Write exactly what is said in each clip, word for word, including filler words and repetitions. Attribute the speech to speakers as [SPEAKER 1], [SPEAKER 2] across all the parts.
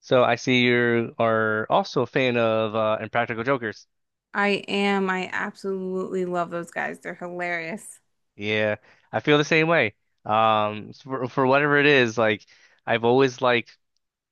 [SPEAKER 1] So I see you are also a fan of uh, Impractical Jokers.
[SPEAKER 2] I am. I absolutely love those guys. They're hilarious.
[SPEAKER 1] Yeah, I feel the same way. Um, for for whatever it is, like I've always liked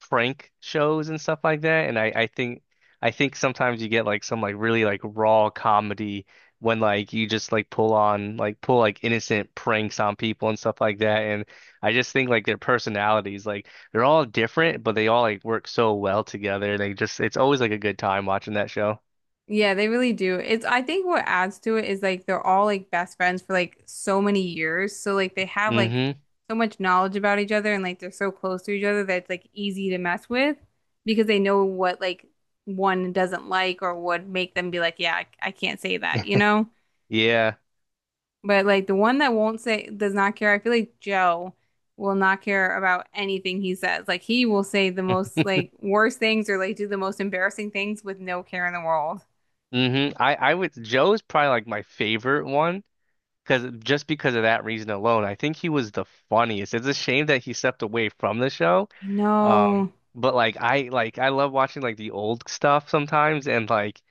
[SPEAKER 1] prank shows and stuff like that, and I I think I think sometimes you get like some like really like raw comedy when like you just like pull on like pull like innocent pranks on people and stuff like that, and I just think like their personalities like they're all different, but they all like work so well together. They just it's always like a good time watching that show.
[SPEAKER 2] Yeah, they really do. It's I think what adds to it is like they're all like best friends for like so many years. So like they have like
[SPEAKER 1] Mm-hmm.
[SPEAKER 2] so much knowledge about each other and like they're so close to each other that it's like easy to mess with because they know what like one doesn't like or would make them be like, yeah, I, I can't say that, you know?
[SPEAKER 1] Yeah.
[SPEAKER 2] But like the one that won't say does not care, I feel like Joe will not care about anything he says. Like he will say the most like worst things or like do the most embarrassing things with no care in the world.
[SPEAKER 1] hmm I I would Joe's probably like my favorite one. Because just because of that reason alone, I think he was the funniest. It's a shame that he stepped away from the show.
[SPEAKER 2] I
[SPEAKER 1] Um,
[SPEAKER 2] know.
[SPEAKER 1] but like I like I love watching like the old stuff sometimes and like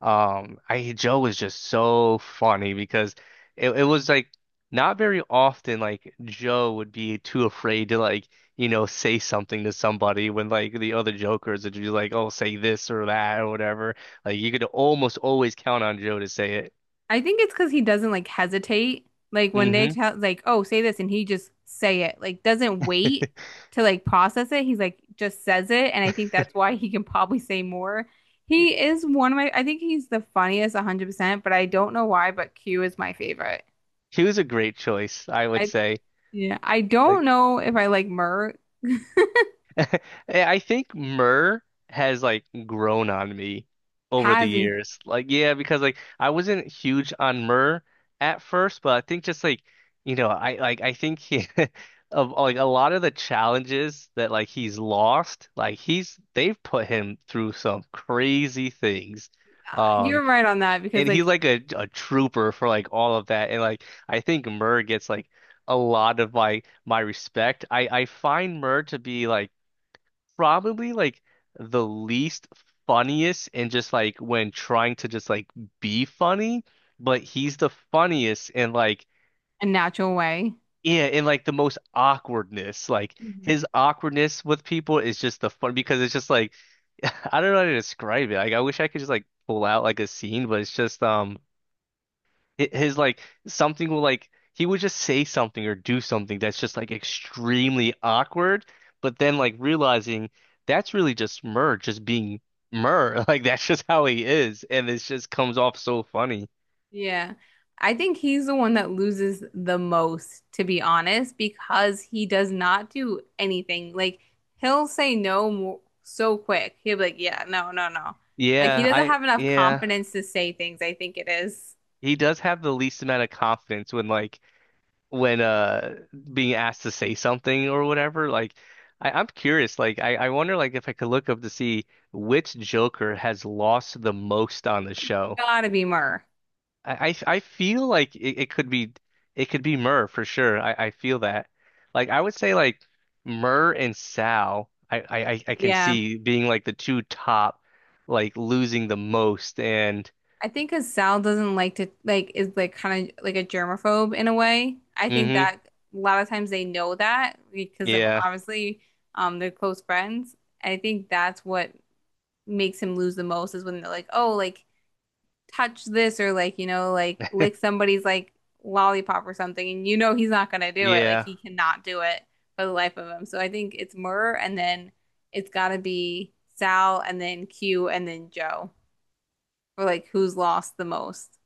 [SPEAKER 1] um I Joe was just so funny because it, it was like not very often like Joe would be too afraid to like you know say something to somebody when like the other jokers would be like oh say this or that or whatever like you could almost always count on Joe to say it.
[SPEAKER 2] I think it's because he doesn't like hesitate. Like when they
[SPEAKER 1] hmm
[SPEAKER 2] tell like, oh, say this and he just say it. Like doesn't wait to like process it. He's like just says it. And I think that's why he can probably say more. He is one of my, I think he's the funniest one hundred percent, but I don't know why, but Q is my favorite.
[SPEAKER 1] She was a great choice, I would
[SPEAKER 2] I
[SPEAKER 1] say.
[SPEAKER 2] Yeah, I
[SPEAKER 1] Like,
[SPEAKER 2] don't know if I like Mur
[SPEAKER 1] I think Myrrh has like grown on me over the
[SPEAKER 2] has
[SPEAKER 1] years. Like, yeah, because like I wasn't huge on Myrrh at first, but I think just like you know, I like I think he, of like a lot of the challenges that like he's lost, like he's they've put him through some crazy things.
[SPEAKER 2] Uh,
[SPEAKER 1] Um.
[SPEAKER 2] You're right on that because
[SPEAKER 1] And he's
[SPEAKER 2] like
[SPEAKER 1] like a, a trooper for like all of that. And like I think Murr gets like a lot of my my respect. I I find Murr to be like probably like the least funniest and just like when trying to just like be funny, but he's the funniest and like
[SPEAKER 2] a natural way.
[SPEAKER 1] yeah, and like the most awkwardness. Like
[SPEAKER 2] Mhm.
[SPEAKER 1] his awkwardness with people is just the fun because it's just like I don't know how to describe it. Like I wish I could just like pull out like a scene, but it's just um hi- his like something will like he would just say something or do something that's just like extremely awkward, but then like realizing that's really just Murr just being Murr. Like that's just how he is, and it just comes off so funny.
[SPEAKER 2] Yeah. I think he's the one that loses the most, to be honest, because he does not do anything. Like he'll say no more, so quick. He'll be like, "Yeah, no, no, no." Like he
[SPEAKER 1] Yeah,
[SPEAKER 2] doesn't
[SPEAKER 1] I
[SPEAKER 2] have enough
[SPEAKER 1] yeah.
[SPEAKER 2] confidence to say things, I think it is.
[SPEAKER 1] He does have the least amount of confidence when like when uh being asked to say something or whatever. Like I, I'm curious, like I, I wonder like if I could look up to see which Joker has lost the most on the show.
[SPEAKER 2] Gotta be Mur.
[SPEAKER 1] I, I I feel like it, it could be it could be Murr for sure. I, I feel that. Like I would say like Murr and Sal, I, I, I I can
[SPEAKER 2] Yeah.
[SPEAKER 1] see being like the two top, like losing the most and
[SPEAKER 2] I think because Sal doesn't like to like is like kind of like a germaphobe in a way. I think
[SPEAKER 1] hmm
[SPEAKER 2] that a lot of times they know that because of
[SPEAKER 1] yeah.
[SPEAKER 2] obviously um they're close friends. I think that's what makes him lose the most is when they're like, oh, like touch this or like you know like lick somebody's like lollipop or something, and you know he's not gonna do it. Like
[SPEAKER 1] Yeah.
[SPEAKER 2] he cannot do it for the life of him. So I think it's Murr and then it's gotta be Sal and then Q and then Joe for like who's lost the most.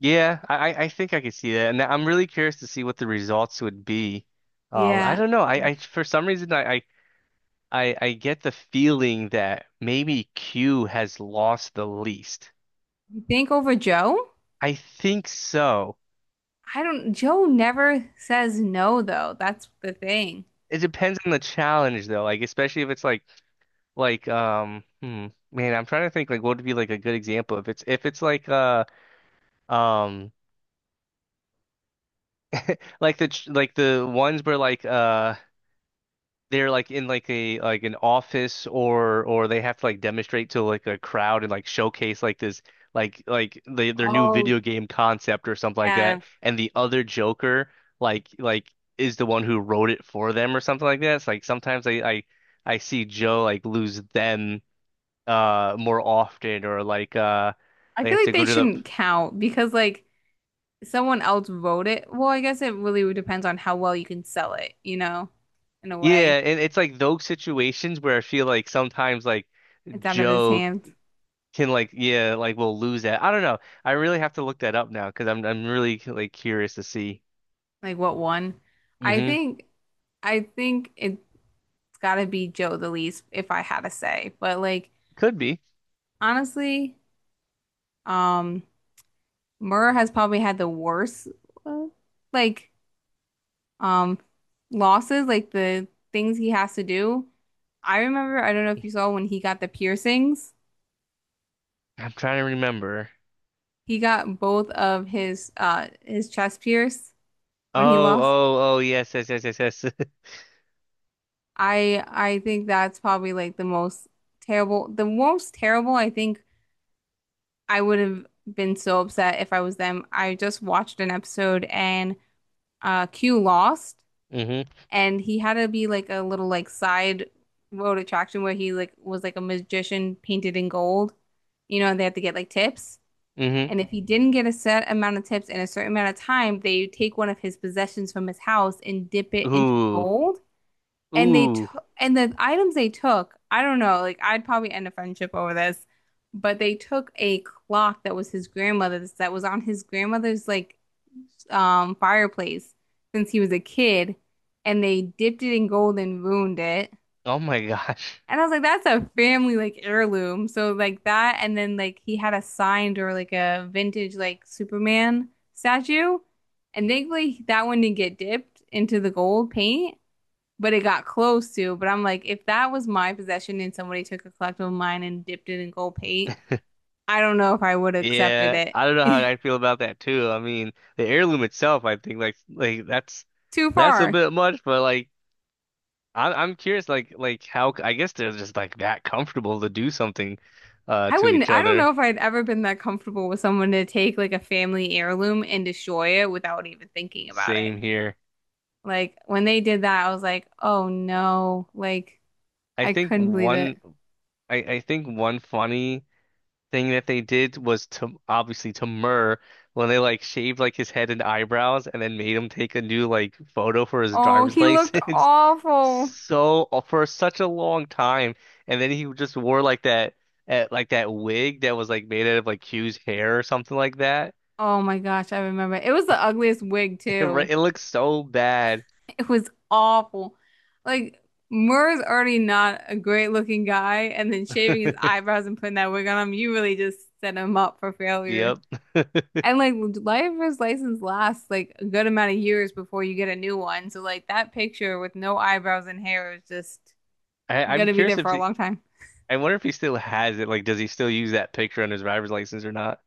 [SPEAKER 1] Yeah, I, I I think I could see that. And I'm really curious to see what the results would be. Um, I
[SPEAKER 2] Yeah.
[SPEAKER 1] don't know. I,
[SPEAKER 2] You
[SPEAKER 1] I for some reason I, I I I get the feeling that maybe Q has lost the least.
[SPEAKER 2] think over Joe?
[SPEAKER 1] I think so.
[SPEAKER 2] I don't, Joe never says no, though. That's the thing.
[SPEAKER 1] It depends on the challenge though, like especially if it's like like um hmm, man, I'm trying to think like what would be like a good example if it's if it's like uh um like the ch- like the ones where like uh they're like in like a like an office or or they have to like demonstrate to like a crowd and like showcase like this like like the, their new
[SPEAKER 2] Oh,
[SPEAKER 1] video game concept or something like
[SPEAKER 2] Yeah.
[SPEAKER 1] that and the other Joker like like is the one who wrote it for them or something like that. It's like sometimes I I I see Joe like lose them uh more often or like uh
[SPEAKER 2] I
[SPEAKER 1] they
[SPEAKER 2] feel
[SPEAKER 1] have
[SPEAKER 2] like
[SPEAKER 1] to go
[SPEAKER 2] they
[SPEAKER 1] to the
[SPEAKER 2] shouldn't count because, like, someone else wrote it. Well, I guess it really depends on how well you can sell it, you know, in a
[SPEAKER 1] yeah
[SPEAKER 2] way.
[SPEAKER 1] and it's like those situations where I feel like sometimes like
[SPEAKER 2] It's out of his
[SPEAKER 1] Joe
[SPEAKER 2] hands.
[SPEAKER 1] can like yeah like we'll lose that I don't know I really have to look that up now because I'm I'm really like curious to see
[SPEAKER 2] Like, what one? I
[SPEAKER 1] hmm
[SPEAKER 2] think, I think it's gotta be Joe the least if I had to say. But, like,
[SPEAKER 1] could be
[SPEAKER 2] honestly, um, Murr has probably had the worst, uh, like, um losses, like the things he has to do. I remember, I don't know if you saw when he got the piercings.
[SPEAKER 1] I'm trying to remember
[SPEAKER 2] He got both of his uh his chest pierced when he
[SPEAKER 1] oh
[SPEAKER 2] lost.
[SPEAKER 1] oh oh yes yes yes yes yes
[SPEAKER 2] I I think that's probably like the most terrible, the most terrible. I think I would have been so upset if I was them. I just watched an episode and uh Q lost
[SPEAKER 1] hmm
[SPEAKER 2] and he had to be like a little like side road attraction where he like was like a magician painted in gold, you know, and they had to get like tips.
[SPEAKER 1] hmm
[SPEAKER 2] And if he didn't get a set amount of tips in a certain amount of time, they take one of his possessions from his house and dip it into
[SPEAKER 1] ooh
[SPEAKER 2] gold and they
[SPEAKER 1] ooh
[SPEAKER 2] took and the items they took, I don't know, like I'd probably end a friendship over this, but they took a clock that was his grandmother's that was on his grandmother's like um fireplace since he was a kid and they dipped it in gold and ruined it.
[SPEAKER 1] oh my gosh
[SPEAKER 2] And I was like, that's a family like heirloom. So like that and then like he had a signed or like a vintage like Superman statue. And thankfully that one didn't get dipped into the gold paint but it got close to. But I'm like, if that was my possession and somebody took a collectible of mine and dipped it in gold paint, I don't know if I would have accepted
[SPEAKER 1] Yeah,
[SPEAKER 2] it.
[SPEAKER 1] I don't know how I feel about that too. I mean, the heirloom itself, I think like like that's
[SPEAKER 2] Too
[SPEAKER 1] that's a
[SPEAKER 2] far.
[SPEAKER 1] bit much, but like I'm I'm curious like like how I guess they're just like that comfortable to do something uh
[SPEAKER 2] I
[SPEAKER 1] to
[SPEAKER 2] wouldn't,
[SPEAKER 1] each
[SPEAKER 2] I don't know
[SPEAKER 1] other.
[SPEAKER 2] if I'd ever been that comfortable with someone to take like a family heirloom and destroy it without even thinking about it.
[SPEAKER 1] Same here.
[SPEAKER 2] Like when they did that, I was like, oh no. Like
[SPEAKER 1] I
[SPEAKER 2] I
[SPEAKER 1] think
[SPEAKER 2] couldn't believe
[SPEAKER 1] one
[SPEAKER 2] it.
[SPEAKER 1] I I think one funny thing that they did was to obviously to Murr when they like shaved like his head and eyebrows and then made him take a new like photo for his
[SPEAKER 2] Oh,
[SPEAKER 1] driver's
[SPEAKER 2] he looked
[SPEAKER 1] license
[SPEAKER 2] awful.
[SPEAKER 1] so uh, for such a long time, and then he just wore like that at like that wig that was like made out of like Q's hair or something like that.
[SPEAKER 2] Oh my gosh, I remember. It was the ugliest wig
[SPEAKER 1] It, re-
[SPEAKER 2] too.
[SPEAKER 1] it looks so bad.
[SPEAKER 2] It was awful. Like Murr's already not a great looking guy, and then shaving his eyebrows and putting that wig on him, you really just set him up for failure.
[SPEAKER 1] Yep. I,
[SPEAKER 2] And like driver's license lasts like a good amount of years before you get a new one. So like that picture with no eyebrows and hair is just
[SPEAKER 1] I'm
[SPEAKER 2] gonna be there
[SPEAKER 1] curious
[SPEAKER 2] for
[SPEAKER 1] if
[SPEAKER 2] a
[SPEAKER 1] he,
[SPEAKER 2] long time.
[SPEAKER 1] I wonder if he still has it. Like, does he still use that picture on his driver's license or not?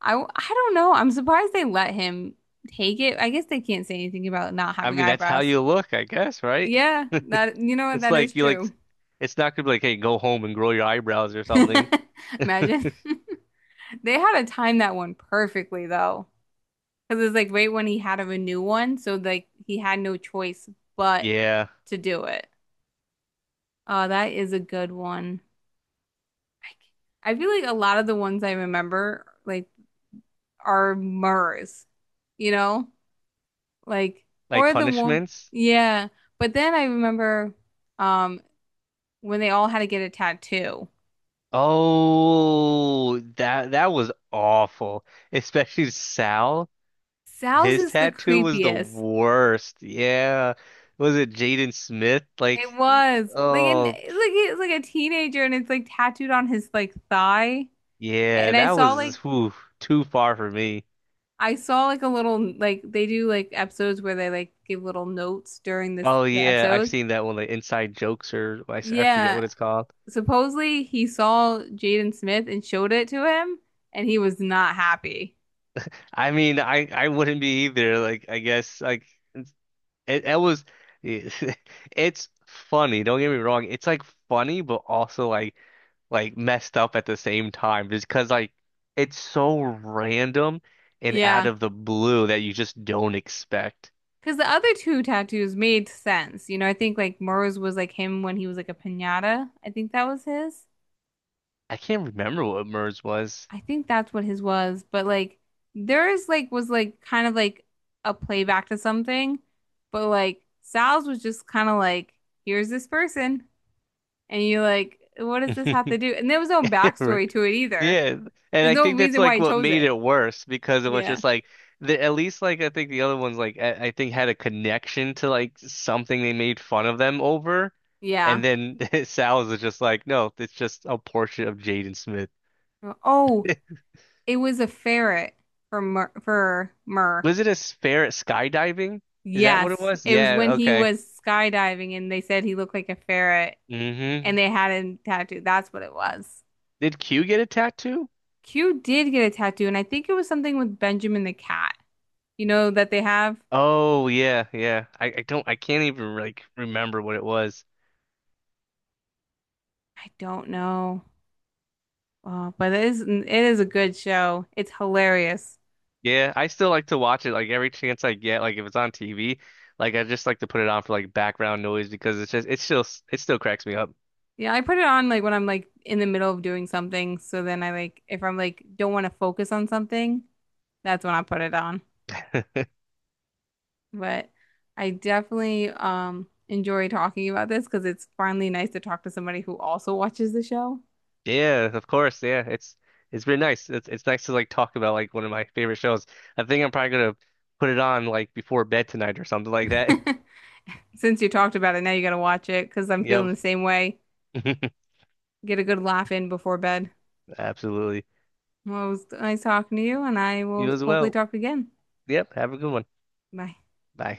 [SPEAKER 2] I I don't know. I'm surprised they let him take it. I guess they can't say anything about not
[SPEAKER 1] I
[SPEAKER 2] having
[SPEAKER 1] mean, that's how
[SPEAKER 2] eyebrows.
[SPEAKER 1] you look, I guess, right?
[SPEAKER 2] Yeah, that you know what,
[SPEAKER 1] It's
[SPEAKER 2] that
[SPEAKER 1] like
[SPEAKER 2] is
[SPEAKER 1] you like,
[SPEAKER 2] true.
[SPEAKER 1] it's not gonna be like, hey, go home and grow your eyebrows or something.
[SPEAKER 2] Imagine. They had to time that one perfectly though. Because it's like right when he had of a new one, so like he had no choice but
[SPEAKER 1] Yeah,
[SPEAKER 2] to do it. Oh, that is a good one. I c- I feel like a lot of the ones I remember like are Murs, you know? Like
[SPEAKER 1] like
[SPEAKER 2] or the one
[SPEAKER 1] punishments.
[SPEAKER 2] yeah. But then I remember um when they all had to get a tattoo.
[SPEAKER 1] Oh, that that was awful. Especially Sal.
[SPEAKER 2] Sal's
[SPEAKER 1] His
[SPEAKER 2] is the
[SPEAKER 1] tattoo was the
[SPEAKER 2] creepiest.
[SPEAKER 1] worst. Yeah. Was it Jaden Smith? Like,
[SPEAKER 2] It was like and like
[SPEAKER 1] oh,
[SPEAKER 2] he's like a teenager and it's like tattooed on his like thigh.
[SPEAKER 1] yeah,
[SPEAKER 2] And I
[SPEAKER 1] that
[SPEAKER 2] saw
[SPEAKER 1] was
[SPEAKER 2] like
[SPEAKER 1] whew, too far for me.
[SPEAKER 2] I saw like a little like they do like episodes where they like give little notes during this
[SPEAKER 1] Oh
[SPEAKER 2] the
[SPEAKER 1] yeah, I've
[SPEAKER 2] episode.
[SPEAKER 1] seen that one, like Inside Jokes or I, s- I forget what
[SPEAKER 2] Yeah.
[SPEAKER 1] it's called.
[SPEAKER 2] Supposedly he saw Jaden Smith and showed it to him and he was not happy.
[SPEAKER 1] I mean, I I wouldn't be either. Like, I guess like It, it was, it's funny. Don't get me wrong. It's like funny, but also like like messed up at the same time. Just because like it's so random and out
[SPEAKER 2] Yeah.
[SPEAKER 1] of the blue that you just don't expect.
[SPEAKER 2] Because the other two tattoos made sense. You know, I think like Murs was like him when he was like a piñata. I think that was his.
[SPEAKER 1] I can't remember what MERS was.
[SPEAKER 2] I think that's what his was, but like theirs like was like kind of like a playback to something, but like Sal's was just kind of like, here's this person, and you're like, what does this have to do? And there was no backstory to it either.
[SPEAKER 1] Yeah, and
[SPEAKER 2] There's
[SPEAKER 1] I
[SPEAKER 2] no
[SPEAKER 1] think that's
[SPEAKER 2] reason why
[SPEAKER 1] like
[SPEAKER 2] he
[SPEAKER 1] what
[SPEAKER 2] chose
[SPEAKER 1] made it
[SPEAKER 2] it.
[SPEAKER 1] worse because it was
[SPEAKER 2] Yeah.
[SPEAKER 1] just like the at least like I think the other ones like I, I think had a connection to like something they made fun of them over,
[SPEAKER 2] Yeah.
[SPEAKER 1] and then Sal's is just like no, it's just a portrait of Jaden Smith.
[SPEAKER 2] Oh, it was a ferret for Mur for Mur.
[SPEAKER 1] Was it a spare at skydiving? Is that what it
[SPEAKER 2] Yes,
[SPEAKER 1] was?
[SPEAKER 2] it was
[SPEAKER 1] Yeah,
[SPEAKER 2] when he
[SPEAKER 1] okay.
[SPEAKER 2] was skydiving and they said he looked like a ferret
[SPEAKER 1] hmm
[SPEAKER 2] and they had him tattooed. That's what it was.
[SPEAKER 1] Did Q get a tattoo?
[SPEAKER 2] Q did get a tattoo, and I think it was something with Benjamin the Cat. You know that they have?
[SPEAKER 1] Oh yeah, yeah. I, I don't I can't even like remember what it was.
[SPEAKER 2] I don't know. Uh, but it is it is a good show. It's hilarious.
[SPEAKER 1] Yeah, I still like to watch it like every chance I get. Like if it's on T V, like I just like to put it on for like background noise because it's just it's still it still cracks me up.
[SPEAKER 2] Yeah, I put it on like when I'm like in the middle of doing something. So then I like if I'm like don't want to focus on something, that's when I put it on. But I definitely um enjoy talking about this because it's finally nice to talk to somebody who also watches the show.
[SPEAKER 1] Yeah, of course. Yeah, it's it's been nice. It's it's nice to like talk about like one of my favorite shows. I think I'm probably gonna put it on like before bed tonight or something like that.
[SPEAKER 2] Since you talked about it, now you got to watch it because I'm feeling
[SPEAKER 1] Yep.
[SPEAKER 2] the same way. Get a good laugh in before bed.
[SPEAKER 1] Absolutely.
[SPEAKER 2] Well, it was nice talking to you, and I will
[SPEAKER 1] You as
[SPEAKER 2] hopefully
[SPEAKER 1] well.
[SPEAKER 2] talk again.
[SPEAKER 1] Yep. Have a good one.
[SPEAKER 2] Bye.
[SPEAKER 1] Bye.